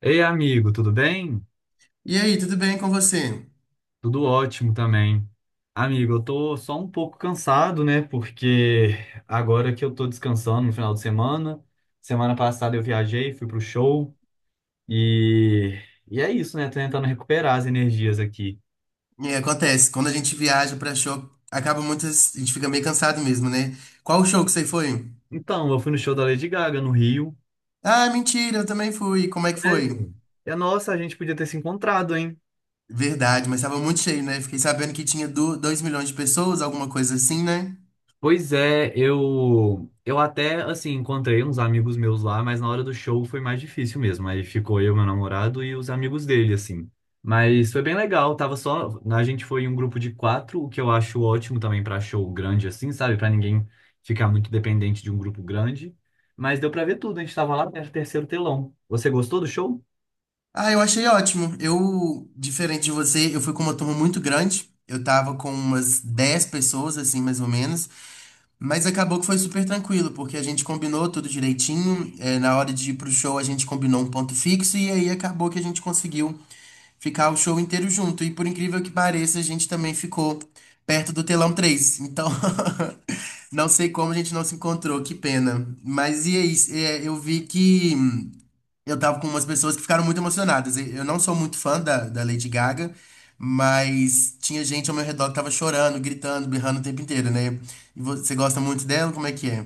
Ei, amigo, tudo bem? E aí, tudo bem com você? Tudo ótimo também. Amigo, eu tô só um pouco cansado, né? Porque agora que eu tô descansando no final de semana, semana passada eu viajei, fui pro show e, e é isso, né? Tô tentando recuperar as energias aqui. E acontece, quando a gente viaja pra show, acaba a gente fica meio cansado mesmo, né? Qual o show que você foi? Então, eu fui no show da Lady Gaga no Rio. Ah, mentira, eu também fui. Como é que foi? Sério? E nossa, a gente podia ter se encontrado, hein? Verdade, mas tava muito cheio, né? Fiquei sabendo que tinha 2 milhões de pessoas, alguma coisa assim, né? Pois é, eu até assim encontrei uns amigos meus lá, mas na hora do show foi mais difícil mesmo. Aí ficou eu, meu namorado e os amigos dele assim. Mas foi bem legal, tava só a gente foi em um grupo de quatro, o que eu acho ótimo também pra show grande assim, sabe? Pra ninguém ficar muito dependente de um grupo grande. Mas deu pra ver tudo, a gente tava lá no terceiro telão. Você gostou do show? Ah, eu achei ótimo. Eu, diferente de você, eu fui com uma turma muito grande. Eu tava com umas 10 pessoas, assim, mais ou menos. Mas acabou que foi super tranquilo, porque a gente combinou tudo direitinho. Na hora de ir pro show, a gente combinou um ponto fixo e aí acabou que a gente conseguiu ficar o show inteiro junto. E por incrível que pareça, a gente também ficou perto do telão três. Então, não sei como a gente não se encontrou, que pena. Mas e aí, eu vi que. Eu tava com umas pessoas que ficaram muito emocionadas. E eu não sou muito fã da Lady Gaga, mas tinha gente ao meu redor que tava chorando, gritando, berrando o tempo inteiro, né? E você gosta muito dela? Como é que é?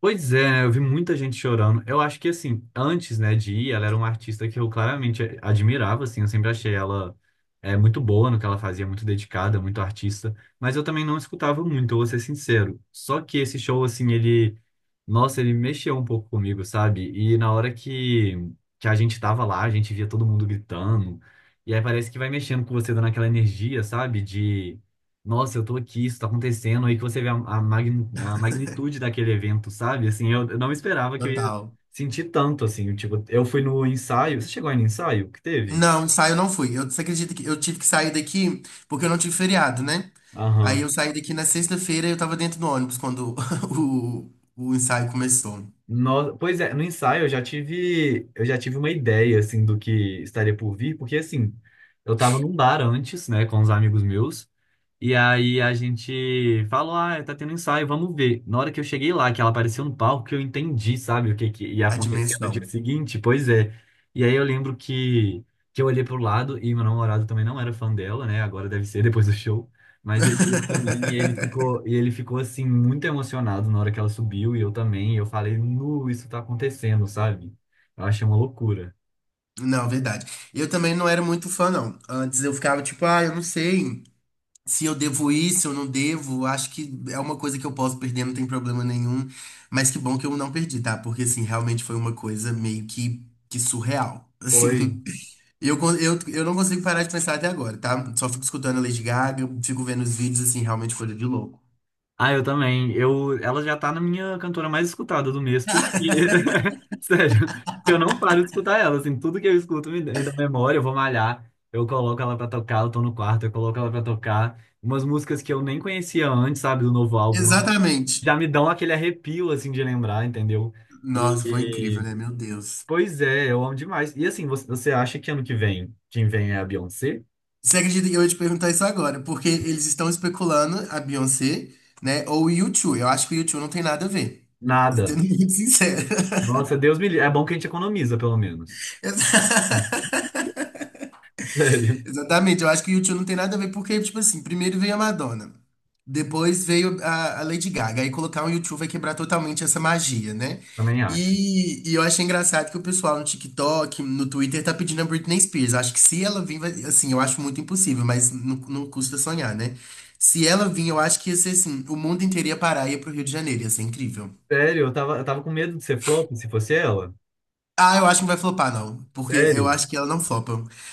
Pois é, eu vi muita gente chorando. Eu acho que, assim, antes, né, de ir, ela era uma artista que eu claramente admirava, assim, eu sempre achei ela muito boa no que ela fazia, muito dedicada, muito artista, mas eu também não escutava muito, eu vou ser sincero. Só que esse show, assim, ele, nossa, ele mexeu um pouco comigo, sabe? E na hora que a gente tava lá, a gente via todo mundo gritando, e aí parece que vai mexendo com você, dando aquela energia, sabe? Nossa, eu tô aqui, isso tá acontecendo, aí que você vê a magnitude daquele evento, sabe? Assim, eu não esperava que eu ia Total. sentir tanto, assim, tipo, eu fui no ensaio, você chegou aí no ensaio que teve? Não, ensaio eu não fui. Eu, você acredita que eu tive que sair daqui porque eu não tive feriado, né? Aí Aham. eu saí daqui na sexta-feira e eu tava dentro do ônibus quando o ensaio começou. Pois é, no ensaio eu já tive uma ideia, assim, do que estaria por vir, porque, assim, eu tava num bar antes, né, com os amigos meus. E aí a gente falou, ah, tá tendo ensaio, vamos ver. Na hora que eu cheguei lá, que ela apareceu no palco, que eu entendi, sabe, o que que ia A acontecer no dia dimensão. seguinte, pois é. E aí eu lembro que eu olhei pro lado e meu namorado também não era fã dela, né? Agora deve ser depois do show. Mas ele olhou pra mim e ele ficou assim, muito emocionado na hora que ela subiu, e eu também. E eu falei, nu, isso tá acontecendo, sabe? Eu achei uma loucura. Não, verdade. Eu também não era muito fã, não. Antes eu ficava tipo, ah, eu não sei se eu devo ir, se eu não devo. Acho que é uma coisa que eu posso perder, não tem problema nenhum. Mas que bom que eu não perdi, tá? Porque, assim, realmente foi uma coisa meio que surreal. Foi. Assim, eu não consigo parar de pensar até agora, tá? Só fico escutando a Lady Gaga, fico vendo os vídeos, assim, realmente coisa de louco. Ah, eu também. Eu, ela já tá na minha cantora mais escutada do mês, porque, sério, porque eu não paro de escutar ela, assim, tudo que eu escuto me dá memória, eu vou malhar, eu coloco ela pra tocar, eu tô no quarto, eu coloco ela pra tocar, umas músicas que eu nem conhecia antes, sabe, do novo álbum, Exatamente. já me dão aquele arrepio, assim, de lembrar, entendeu? E, Nossa, foi incrível, e- né? Meu Deus. Pois é, eu amo demais. E assim, você acha que ano que vem, quem vem é a Beyoncé? Você acredita que eu ia te perguntar isso agora? Porque eles estão especulando a Beyoncé, né? Ou o U2. Eu acho que o U2 não tem nada a ver. Sendo Nada. muito sincero. Nossa, Deus me livre. É bom que a gente economiza, pelo menos. Sério, Exatamente, eu acho que o U2 não tem nada a ver, porque, tipo assim, primeiro veio a Madonna, depois veio a Lady Gaga, aí colocar um U2 vai quebrar totalmente essa magia, né? também acho. E eu achei engraçado que o pessoal no TikTok, no Twitter, tá pedindo a Britney Spears. Acho que se ela vir, vai, assim, eu acho muito impossível, mas não, não custa sonhar, né? Se ela vir, eu acho que ia ser assim, o mundo inteiro ia parar e ia pro Rio de Janeiro, ia ser incrível. Sério, eu tava com medo de ser flop se fosse ela. Ah, eu acho que não vai flopar, não. Porque eu Sério. acho que ela não flopa.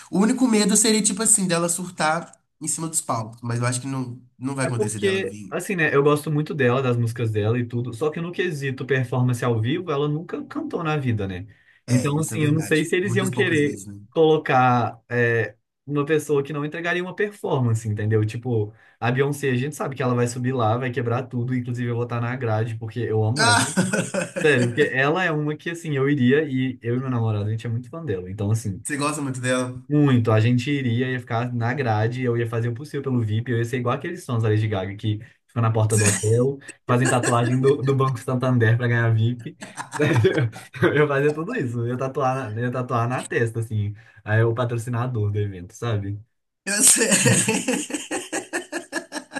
O único medo seria, tipo assim, dela surtar em cima dos palcos. Mas eu acho que não, não vai É acontecer dela porque, vir. assim, né, eu gosto muito dela, das músicas dela e tudo, só que no quesito performance ao vivo, ela nunca cantou na vida, né? É, Então, isso é assim, eu não sei verdade. se eles Muitas iam poucas querer vezes, né? colocar uma pessoa que não entregaria uma performance, entendeu? Tipo, a Beyoncé, a gente sabe que ela vai subir lá, vai quebrar tudo, inclusive eu vou estar na grade, porque eu amo ela. Ah! Sério, porque ela é uma que, assim, eu iria e eu e meu namorado, a gente é muito fã dela. Então, assim. Você gosta muito dela? Muito, a gente iria, ia ficar na grade, eu ia fazer o possível pelo VIP, eu ia ser igual aqueles sons da Lady Gaga que ficam na porta do hotel, fazem tatuagem do Banco Santander para ganhar VIP. Eu ia fazer tudo isso, eu ia tatuar na testa, assim, aí o patrocinador do evento, sabe? Eu sei.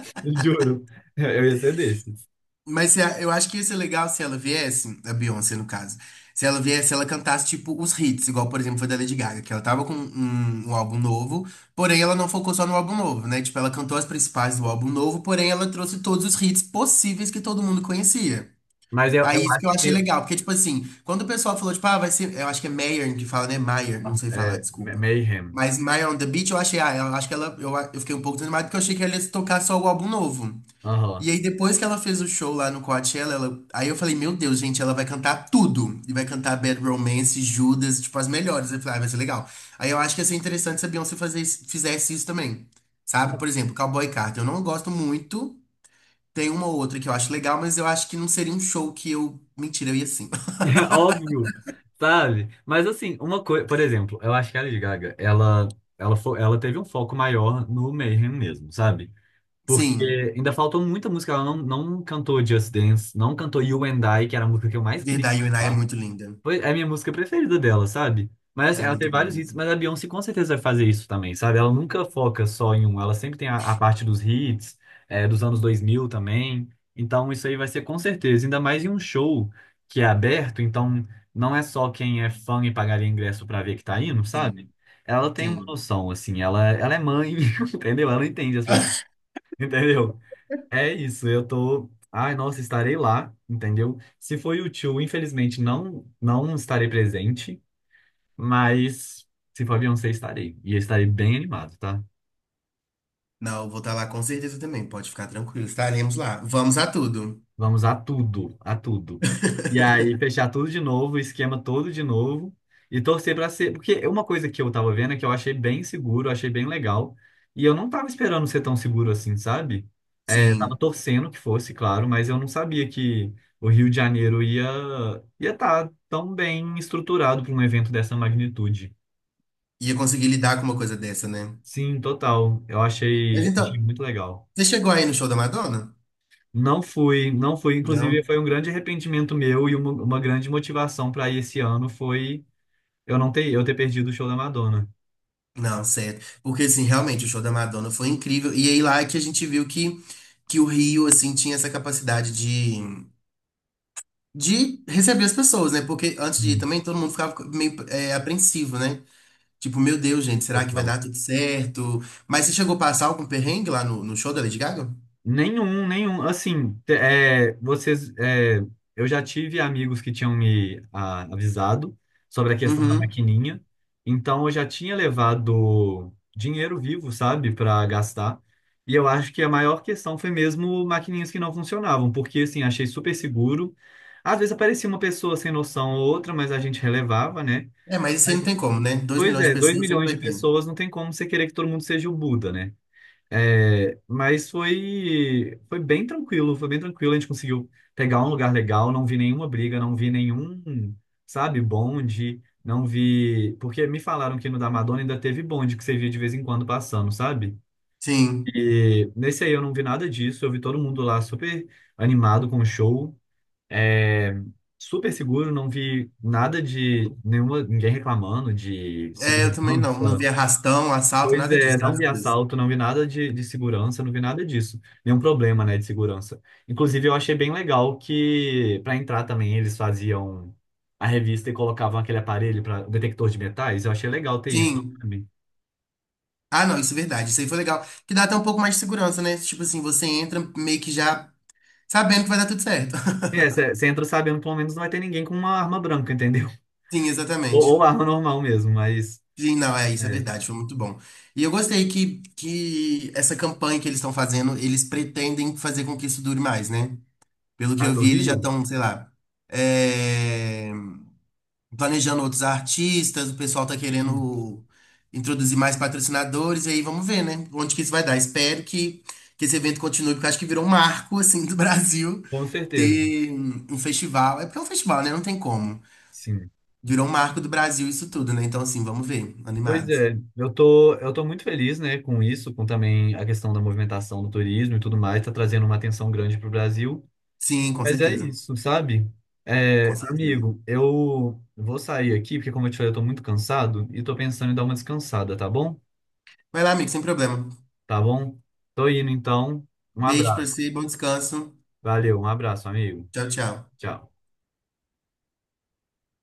Juro, eu ia ser desses. Mas se a- eu acho que ia ser legal se ela viesse, a Beyoncé no caso, se ela viesse, ela cantasse tipo os hits, igual por exemplo foi da Lady Gaga, que ela tava com um álbum novo, porém ela não focou só no álbum novo, né? Tipo, ela cantou as principais do álbum novo, porém ela trouxe todos os hits possíveis que todo mundo conhecia. Mas eu Aí isso acho que eu achei que legal, porque tipo assim, quando o pessoal falou, tipo, ah, vai ser, eu acho que é Mayer que fala, né? Mayer, não sei falar, é, desculpa. Mayhem. Mas Mayer on the Beach, eu achei, ah, eu acho que eu fiquei um pouco desanimado porque eu achei que ela ia tocar só o álbum novo. Aham. E aí, depois que ela fez o show lá no Coachella, aí eu falei, meu Deus, gente, ela vai cantar tudo. E vai cantar Bad Romance, Judas, tipo, as melhores. Eu falei, ah, vai ser legal. Aí eu acho que ia ser interessante se a Beyoncé fizesse isso também. Sabe? Por exemplo, Cowboy Carter. Eu não gosto muito. Tem uma ou outra que eu acho legal, mas eu acho que não seria um show que eu. Mentira, eu ia sim. Óbvio, sabe? Mas assim, uma coisa, por exemplo, eu acho que a Lady Gaga, ela ela teve um foco maior no Mayhem mesmo, sabe? Porque Sim, ainda faltou muita música, ela não cantou Just Dance, não cantou You and I, que era a música que eu mais queria verdade, a Inai é escutar. muito linda. Foi é a minha música preferida dela, sabe? Mas assim, Ela é ela tem muito boa vários hits, mesmo. mas a Beyoncé com certeza vai fazer isso também, sabe? Ela nunca foca só em um, ela sempre tem a parte dos hits, é, dos anos 2000 também. Então isso aí vai ser com certeza, ainda mais em um show que é aberto, então não é só quem é fã e pagaria ingresso pra ver que tá indo, sabe? Tem Ela tem uma sim. noção, assim, ela é mãe, entendeu? Ela entende as pessoas, entendeu? É isso, eu tô. Ai, nossa, estarei lá, entendeu? Se for o tio, infelizmente não estarei presente, mas se for Beyoncé, estarei. E eu estarei bem animado, tá? Não, eu vou estar lá com certeza também. Pode ficar tranquilo, estaremos lá. Vamos a tudo. Vamos a tudo, a tudo. E aí, fechar tudo de novo, o esquema todo de novo, e torcer para ser. Porque uma coisa que eu tava vendo é que eu achei bem seguro, achei bem legal, e eu não tava esperando ser tão seguro assim, sabe? É, eu tava Sim, torcendo que fosse, claro, mas eu não sabia que o Rio de Janeiro ia estar tão bem estruturado para um evento dessa magnitude. ia conseguir lidar com uma coisa dessa, né? Sim, total. Eu Mas achei, achei então, muito legal. você chegou aí no show da Madonna? Não fui, não fui. Inclusive, Não? foi um grande arrependimento meu e uma grande motivação para ir esse ano foi eu não ter, eu ter perdido o show da Madonna. Não, certo. Porque, assim, realmente, o show da Madonna foi incrível. E aí lá é que a gente viu que o Rio, assim, tinha essa capacidade de receber as pessoas, né? Porque antes de ir Hum. também, todo mundo ficava meio apreensivo, né? Tipo, meu Deus, gente, será que vai Total. dar tudo certo? Mas você chegou a passar algum perrengue lá no show da Lady Gaga? Nenhum, nenhum. Assim, eu já tive amigos que tinham me avisado sobre a questão da Uhum. maquininha, então eu já tinha levado dinheiro vivo, sabe, para gastar. E eu acho que a maior questão foi mesmo maquininhas que não funcionavam, porque assim, achei super seguro. Às vezes aparecia uma pessoa sem noção ou outra, mas a gente relevava, né? É, mas isso aí não tem como, né? Dois Pois milhões de é, 2 pessoas, sempre milhões de vai ter. pessoas não tem como você querer que todo mundo seja o Buda, né? É, mas foi, foi bem tranquilo, foi bem tranquilo. A gente conseguiu pegar um lugar legal, não vi nenhuma briga, não vi nenhum, sabe, bonde, não vi. Porque me falaram que no da Madonna ainda teve bonde que você via de vez em quando passando, sabe? Sim. E nesse aí eu não vi nada disso, eu vi todo mundo lá super animado com o show, é, super seguro, não vi nada de nenhuma, ninguém reclamando de É, eu também não. Não segurança. vi arrastão, assalto, Pois nada é, disso, não vi graças a Deus. assalto, não vi nada de, de segurança, não vi nada disso. Nenhum problema, né, de segurança. Inclusive, eu achei bem legal que, para entrar também, eles faziam a revista e colocavam aquele aparelho para detector de metais. Eu achei legal ter isso Sim. também. Ah, não, isso é verdade. Isso aí foi legal. Que dá até um pouco mais de segurança, né? Tipo assim, você entra meio que já sabendo que vai dar tudo certo. É, você entra sabendo, pelo menos não vai ter ninguém com uma arma branca, entendeu? Sim, exatamente. ou arma normal mesmo, mas Sim, não, é isso, é é, verdade, foi muito bom. E eu gostei que essa campanha que eles estão fazendo, eles pretendem fazer com que isso dure mais, né? Pelo que a eu do vi, eles já Rio, estão, sei lá, é, planejando outros artistas, o pessoal tá sim, querendo introduzir mais patrocinadores, e aí vamos ver, né? Onde que isso vai dar. Espero que esse evento continue, porque eu acho que virou um marco, assim, do Brasil com certeza. ter um festival. É porque é um festival, né? Não tem como. Sim. Virou um marco do Brasil isso tudo, né? Então, assim, vamos ver. Pois Animado. é, eu tô muito feliz, né, com isso, com também a questão da movimentação do turismo e tudo mais, tá trazendo uma atenção grande pro Brasil. Sim, com Mas é certeza. isso, sabe? É, Com certeza. amigo, eu vou sair aqui, porque como eu te falei, eu tô muito cansado e tô pensando em dar uma descansada, tá bom? Vai lá, amigo, sem problema. Tá bom? Tô indo então. Um Beijo pra abraço. você, bom descanso. Valeu, um abraço, amigo. Tchau, tchau. Tchau.